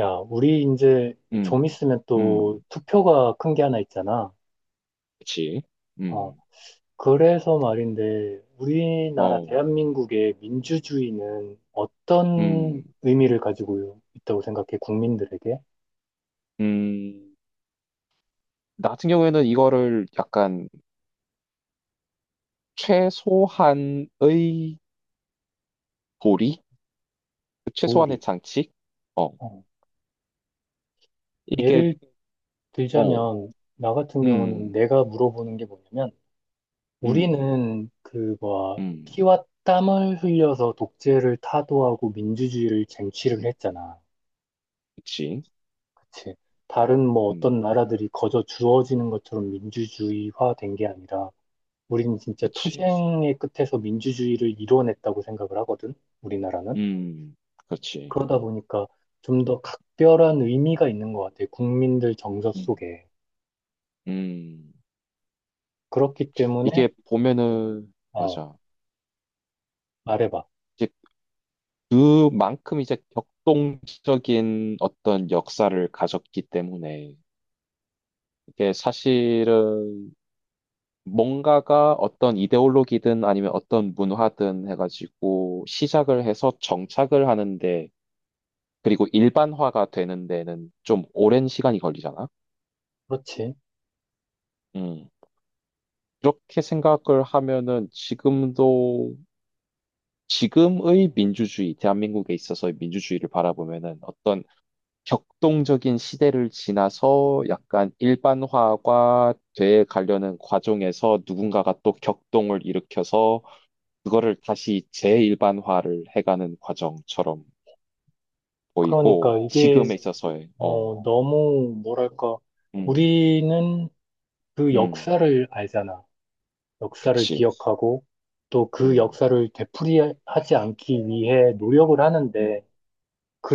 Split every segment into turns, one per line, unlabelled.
야, 우리 이제 좀
음,
있으면 또
음,
투표가 큰 게 하나 있잖아.
그치.
어,
음,
그래서 말인데, 우리나라
어,
대한민국의 민주주의는 어떤
음,
의미를 가지고 있다고 생각해, 국민들에게?
음. 나 같은 경우에는 이거를 약간 최소한의 고리? 최소한의
도리.
장치? 어,
어,
이게,
예를
어,
들자면, 나 같은 경우는
음,
내가 물어보는 게 뭐냐면,
음,
우리는 그, 뭐,
음,
피와 땀을 흘려서 독재를 타도하고 민주주의를 쟁취를
음,
했잖아.
그치.
그치. 다른 뭐
음,
어떤 나라들이 거저 주어지는 것처럼 민주주의화 된 게 아니라 우리는 진짜
그치.
투쟁의 끝에서 민주주의를 이뤄냈다고 생각을 하거든. 우리나라는.
음, 그치.
그러다 보니까 좀 더 각별한 의미가 있는 것 같아. 국민들 정서
음,
속에.
음.
그렇기 때문에
이게 보면은,
어,
맞아.
말해봐.
이제 그만큼 이제 격동적인 어떤 역사를 가졌기 때문에 이게 사실은 뭔가가 어떤 이데올로기든 아니면 어떤 문화든 해가지고 시작을 해서 정착을 하는데, 그리고 일반화가 되는 데는 좀 오랜 시간이 걸리잖아.
그렇지.
음. 그렇게 생각을 하면은 지금도 지금의 민주주의, 대한민국에 있어서의 민주주의를 바라보면은 어떤 격동적인 시대를 지나서 약간 일반화가 돼 가려는 과정에서 누군가가 또 격동을 일으켜서 그거를 다시 재일반화를 해가는 과정처럼
그러니까
보이고,
이게
지금에 있어서의, 어,
어, 너무 뭐랄까
음,
우리는 그
음,
역사를 알잖아. 역사를
그치,
기억하고 또 그
음,
역사를 되풀이하지 않기 위해 노력을
음,
하는데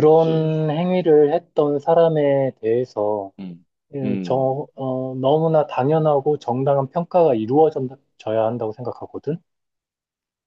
그치,
행위를 했던 사람에 대해서
음, 음,
저, 어, 너무나 당연하고 정당한 평가가 이루어져야 한다고 생각하거든.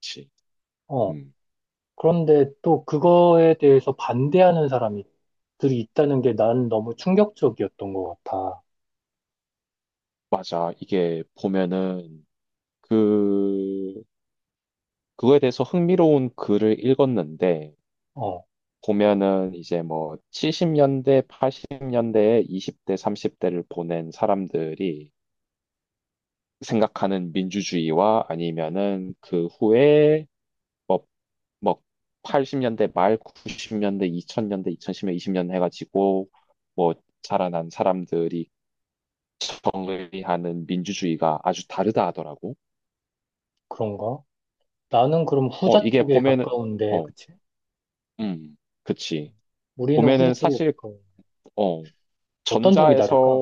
그치,
어,
음.
그런데 또 그거에 대해서 반대하는 사람들이 있다는 게 난 너무 충격적이었던 것 같아.
맞아. 이게 보면은, 그, 그거에 대해서 흥미로운 글을 읽었는데,
어,
보면은 이제 뭐 70년대, 80년대에 20대, 30대를 보낸 사람들이 생각하는 민주주의와 아니면은 그 후에 뭐 뭐 80년대 말 90년대 2000년대 2010년 20년 해가지고 뭐 자라난 사람들이 경의하는 민주주의가 아주 다르다 하더라고.
그런가? 나는 그럼
어,
후자
이게
쪽에
보면은,
가까운데,
어,
그치?
음, 그치.
우리는 후자
보면은
쪽에
사실
가까운.
어
어떤 점이
전자에서
다를까?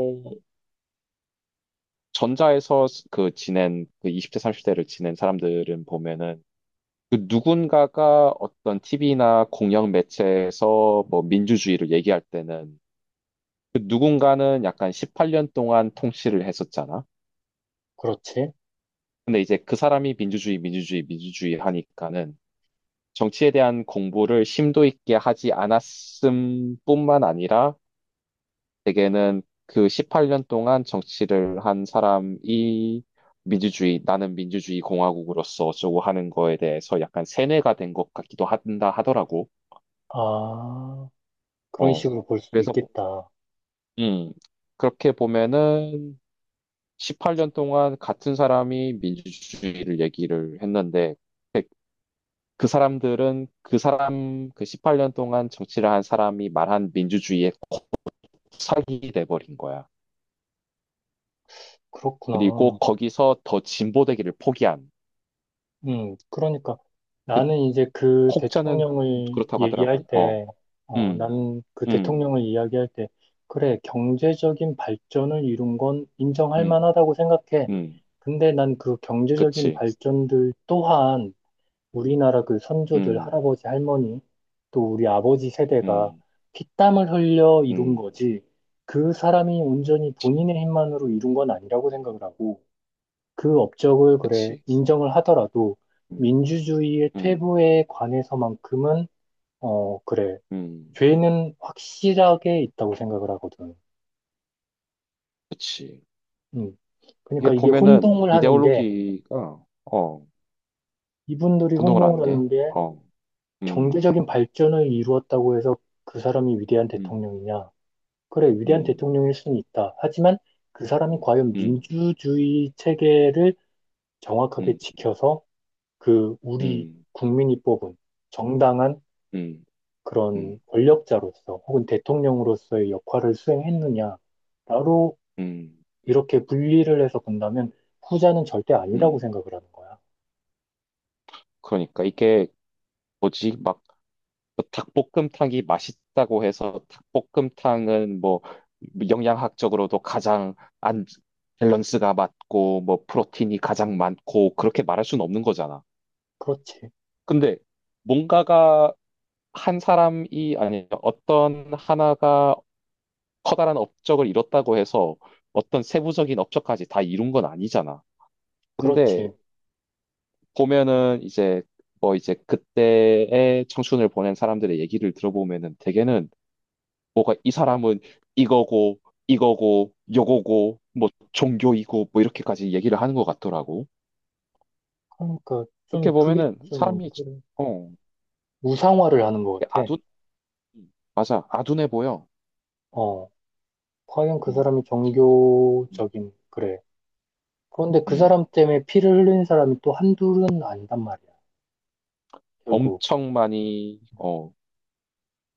전자에서 그 지낸 그 20대 30대를 지낸 사람들은 보면은 그 누군가가 어떤 TV나 공영 매체에서 뭐 민주주의를 얘기할 때는 그 누군가는 약간 18년 동안 통치를 했었잖아.
그렇지.
근데 이제 그 사람이 민주주의, 민주주의, 민주주의 하니까는 정치에 대한 공부를 심도 있게 하지 않았음 뿐만 아니라 대개는 그 18년 동안 정치를 한 사람이 민주주의, 나는 민주주의 공화국으로서 어쩌고 하는 거에 대해서 약간 세뇌가 된 것 같기도 한다 하더라고.
아, 그런
어.
식으로 볼 수도
그래서,
있겠다.
음, 그렇게 보면은 18년 동안 같은 사람이 민주주의를 얘기를 했는데 그 사람들은 그 사람 그 18년 동안 정치를 한 사람이 말한 민주주의에 콕삭이 돼버린 거야. 그리고
그렇구나.
거기서 더 진보되기를 포기한
그러니까
그
나는 이제 그
혹자는
대통령을
그렇다고
얘기할
하더라고. 어,
때,
음,
나는 그
음,
대통령을 이야기할 때, 그래, 경제적인 발전을 이룬 건 인정할
음,
만하다고 생각해.
음,
근데 난 그 경제적인
그치,
발전들 또한 우리나라 그 선조들,
음,
할아버지, 할머니, 또 우리 아버지 세대가
음,
피땀을 흘려 이룬
음,
거지, 그 사람이 온전히
그치,
본인의 힘만으로 이룬 건 아니라고 생각을 하고, 그 업적을 그래,
그치,
인정을 하더라도,
음,
민주주의의
음,
퇴보에 관해서만큼은, 어, 그래,
음,
죄는 확실하게 있다고 생각을 하거든.
그치.
음.
이게
그러니까 이게
보면은
혼동을 하는 게,
이데올로기가 어
이분들이
혼동을
혼동을
안 게.
하는 게,
어. 음.
경제적인 발전을 이루었다고 해서 그 사람이 위대한
음.
대통령이냐? 그래, 위대한
음.
대통령일 수는 있다. 하지만 그 사람이
음.
과연
음.
민주주의 체계를
음.
정확하게 지켜서 그 우리
음.
국민이 뽑은 정당한
음. 음.
그런 권력자로서 혹은 대통령으로서의 역할을 수행했느냐로
음.
이렇게 분리를 해서 본다면 후자는 절대 아니라고
음.
생각을 하는 거야.
그러니까 이게 뭐지? 막뭐 닭볶음탕이 맛있다고 해서 닭볶음탕은 뭐 영양학적으로도 가장 안 밸런스가 맞고 뭐 프로틴이 가장 많고 그렇게 말할 수는 없는 거잖아.
그렇지,
근데 뭔가가 한 사람이 아니 어떤 하나가 커다란 업적을 이뤘다고 해서 어떤 세부적인 업적까지 다 이룬 건 아니잖아. 근데
그렇지.
보면은 이제 뭐 이제 그때의 청춘을 보낸 사람들의 얘기를 들어보면은 대개는 뭐가 이 사람은 이거고 이거고 요거고 뭐 종교이고 뭐 이렇게까지 얘기를 하는 것 같더라고.
그러니까
그렇게
좀 그게
보면은
좀
사람이
그래.
어
우상화를 하는 것
되게
같아.
아둔. 맞아, 아둔해 보여.
어, 과연 그
음,
사람이
음,
종교적인, 그래. 그런데 그 사람
음.
때문에 피를 흘린 사람이 또 한둘은 아니단 말이야, 결국.
엄청 많이, 어,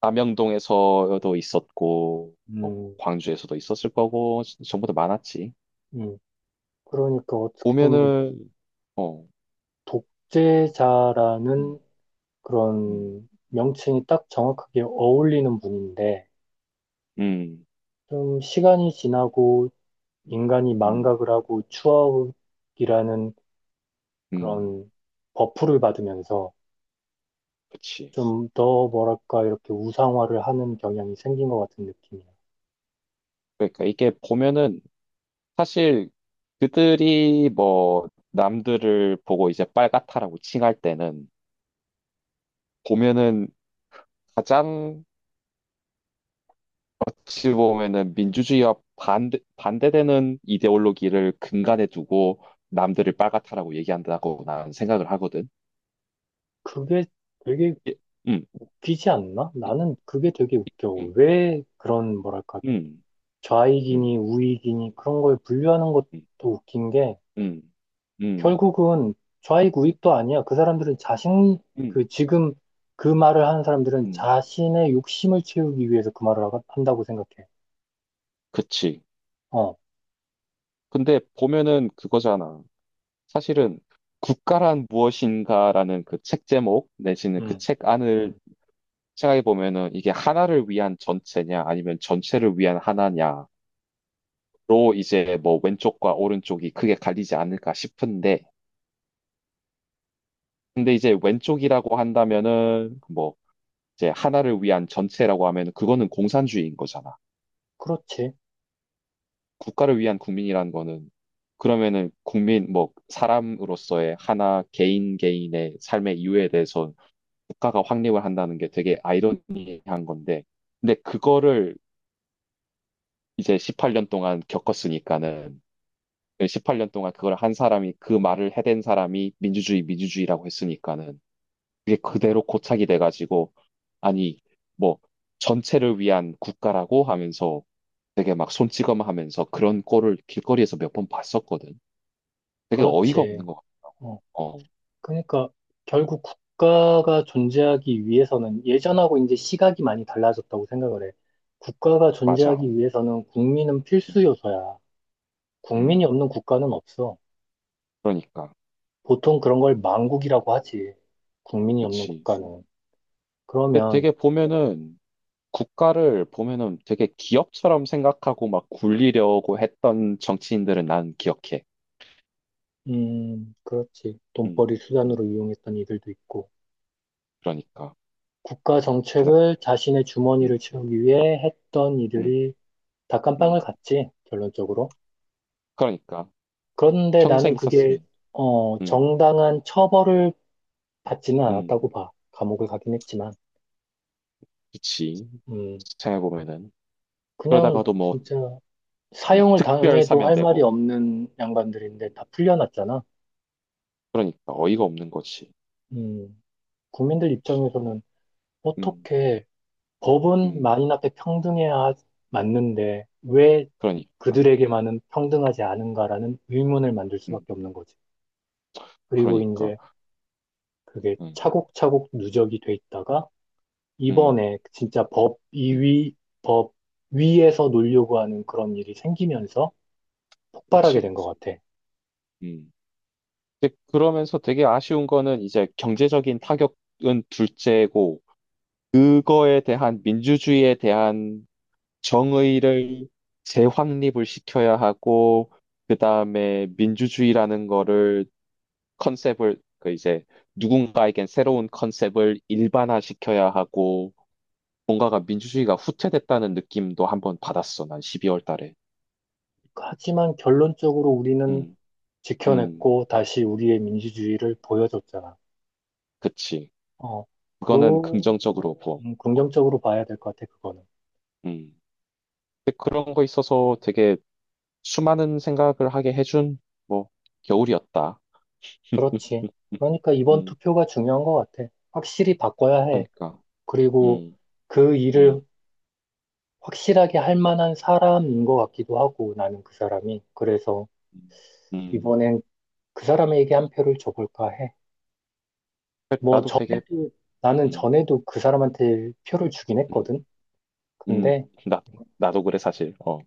남영동에서도 있었고, 뭐
음,
광주에서도 있었을 거고, 전부 다 많았지.
음, 그러니까 어떻게 보면
보면은, 어, 음,
독재자라는
음,
그런 명칭이 딱 정확하게 어울리는 분인데,
음,
좀 시간이 지나고 인간이
음,
망각을 하고 추억이라는
음,
그런 버프를 받으면서
그치.
좀 더 뭐랄까 이렇게 우상화를 하는 경향이 생긴 것 같은 느낌이야.
그러니까 이게 보면은 사실 그들이 뭐 남들을 보고 이제 빨갛다라고 칭할 때는 보면은 가장 어찌 보면은 민주주의와 반대되는 이데올로기를 근간에 두고 남들을 빨갛다라고 얘기한다고 나는 생각을 하거든.
그게 되게
예, 음,
웃기지 않나? 나는 그게 되게 웃겨.
음,
왜 그런, 뭐랄까,
음, 음,
좌익이니 우익이니 그런 걸 분류하는 것도
음,
웃긴 게
음, 음, 음,
결국은 좌익 우익도 아니야.
음.
그 지금 그 말을 하는 사람들은
음.
자신의 욕심을 채우기 위해서 그 말을 한다고 생각해.
그치.
어,
근데 보면은 그거잖아. 사실은 국가란 무엇인가라는 그 책 제목 내지는 그
음,
책 안을 생각해 보면은 이게 하나를 위한 전체냐 아니면 전체를 위한 하나냐로 이제 뭐 왼쪽과 오른쪽이 크게 갈리지 않을까 싶은데, 근데 이제 왼쪽이라고 한다면은 뭐 이제 하나를 위한 전체라고 하면 그거는 공산주의인 거잖아.
그렇지.
국가를 위한 국민이라는 거는 그러면은 국민 뭐 사람으로서의 하나 개인 개인의 삶의 이유에 대해서 국가가 확립을 한다는 게 되게 아이러니한 건데, 근데 그거를 이제 18년 동안 겪었으니까는 18년 동안 그걸 한 사람이 그 말을 해댄 사람이 민주주의 민주주의라고 했으니까는 그게 그대로 고착이 돼가지고 아니 뭐 전체를 위한 국가라고 하면서 되게 막 손찌검하면서 그런 꼴을 길거리에서 몇 번 봤었거든. 되게 어이가
그렇지.
없는 것 같아요.
어.
어,
그러니까 결국 국가가 존재하기 위해서는 예전하고 이제 시각이 많이 달라졌다고 생각을 해. 국가가
맞아.
존재하기 위해서는 국민은
음,
필수 요소야. 국민이
음,
없는 국가는 없어.
그러니까.
보통 그런 걸 망국이라고 하지. 국민이 없는
그치.
국가는.
근데
그러면,
되게 보면은, 국가를 보면은 되게 기업처럼 생각하고 막 굴리려고 했던 정치인들은 난 기억해.
그렇지.
음,
돈벌이
음,
수단으로 이용했던 이들도 있고,
그러니까.
국가
가장,
정책을 자신의 주머니를
음,
채우기 위해 했던
음,
이들이 다 깜빵을
음.
갔지, 결론적으로.
그러니까.
그런데 나는
평생
그게,
있었으면.
어,
음,
정당한 처벌을 받지는
음,
않았다고 봐. 감옥을 가긴 했지만,
그치.
음,
생각해보면은.
그냥
그러다가도 뭐,
진짜 사형을
특별
당해도 할 말이
사면되고.
없는 양반들인데 다 풀려났잖아.
그러니까. 어이가 없는 거지.
음, 국민들 입장에서는
음,
어떻게 법은
음,
만인 앞에 평등해야 맞는데 왜
그러니까.
그들에게만은 평등하지 않은가라는 의문을 만들
음,
수밖에 없는 거지. 그리고
그러니까.
이제 그게
음,
차곡차곡 누적이 돼 있다가
음,
이번에 진짜 법 이
음,
위 법 위에서 놀려고 하는 그런 일이 생기면서 폭발하게
그치.
된 것 같아.
음. 근데 그러면서 되게 아쉬운 거는 이제 경제적인 타격은 둘째고, 그거에 대한 민주주의에 대한 정의를 재확립을 시켜야 하고, 그 다음에 민주주의라는 거를 컨셉을, 그 이제 누군가에겐 새로운 컨셉을 일반화시켜야 하고, 뭔가가 민주주의가 후퇴됐다는 느낌도 한번 받았어, 난 12월 달에.
하지만 결론적으로 우리는
음, 음,
지켜냈고 다시 우리의 민주주의를 보여줬잖아.
그치.
어,
그거는
그,
긍정적으로 보고. 어,
긍정적으로 봐야 될 것 같아, 그거는.
음. 근데 그런 거 있어서 되게 수많은 생각을 하게 해준 뭐 겨울이었다.
그렇지.
음,
그러니까 이번
음.
투표가 중요한 것 같아. 확실히 바꿔야 해.
그러니까,
그리고
음,
그 일을
음,
확실하게 할 만한 사람인 것 같기도 하고, 나는 그 사람이. 그래서
음, 음.
이번엔 그 사람에게 한 표를 줘볼까 해. 뭐
나도 되게,
전에도 나는
음,
전에도 그 사람한테 표를 주긴
음,
했거든.
음,
근데
나 나도 그래 사실. 어,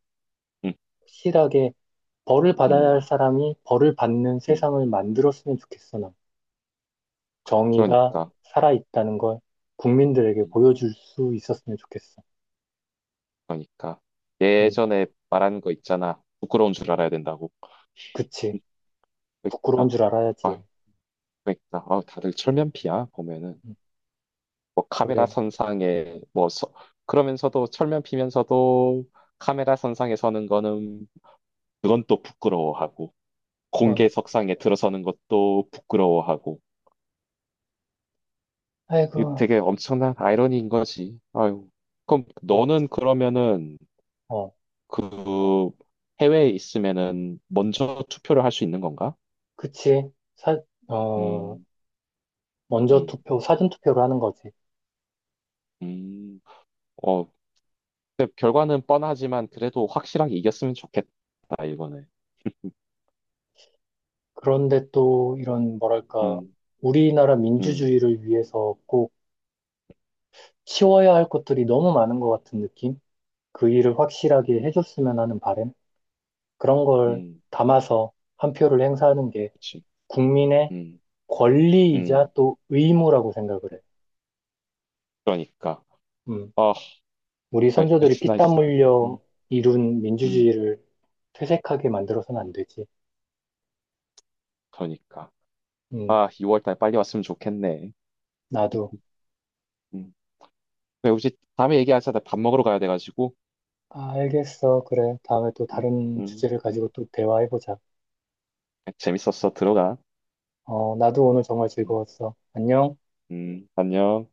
음,
확실하게 벌을 받아야 할
음,
사람이 벌을 받는
음.
세상을 만들었으면 좋겠어. 난. 정의가
그러니까,
살아있다는 걸 국민들에게
음,
보여줄 수 있었으면 좋겠어.
그러니까
음,
예전에 말한 거 있잖아. 부끄러운 줄 알아야 된다고. 음,
그치. 부끄러운
그러니까,
줄 알아야지.
아, 그러니까, 아, 다들 철면피야 보면은.
음,
뭐 카메라
그래.
선상에 그러면서도 철면 피면서도 카메라 선상에 서는 거는 그건 또 부끄러워하고
그럼.
공개석상에 들어서는 것도 부끄러워하고
아이고.
이거 되게 엄청난 아이러니인 거지. 아유. 그럼
그럼.
너는 그러면은
어,
그 해외에 있으면은 먼저 투표를 할 수 있는 건가?
그치. 어,
음,
먼저
음,
투표, 사전 투표를 하는 거지.
음. 어, 근데 결과는 뻔하지만 그래도 확실하게 이겼으면 좋겠다, 이번에.
그런데 또 이런 뭐랄까
음,
우리나라
음,
민주주의를 위해서 꼭 치워야 할 것들이 너무 많은 것 같은 느낌? 그 일을 확실하게 해줬으면 하는 바램? 그런 걸
음.
담아서 한 표를 행사하는 게
그치.
국민의
음,
권리이자
음,
또 의무라고 생각을 해.
그러니까.
음,
아,
우리
그래,
선조들이
여튼 나 있어.
피땀 흘려
음,
이룬
음,
민주주의를 퇴색하게 만들어서는 안 되지.
그러니까.
음,
아, 2월 달 빨리 왔으면 좋겠네.
나도.
음. 그래, 우리 다음에 얘기하자. 나 밥 먹으러 가야 돼가지고.
아, 알겠어. 그래. 다음에 또
음,
다른 주제를
그래.
가지고 또 대화해보자.
재밌었어. 들어가.
어, 나도 오늘 정말
음,
즐거웠어. 안녕.
안녕.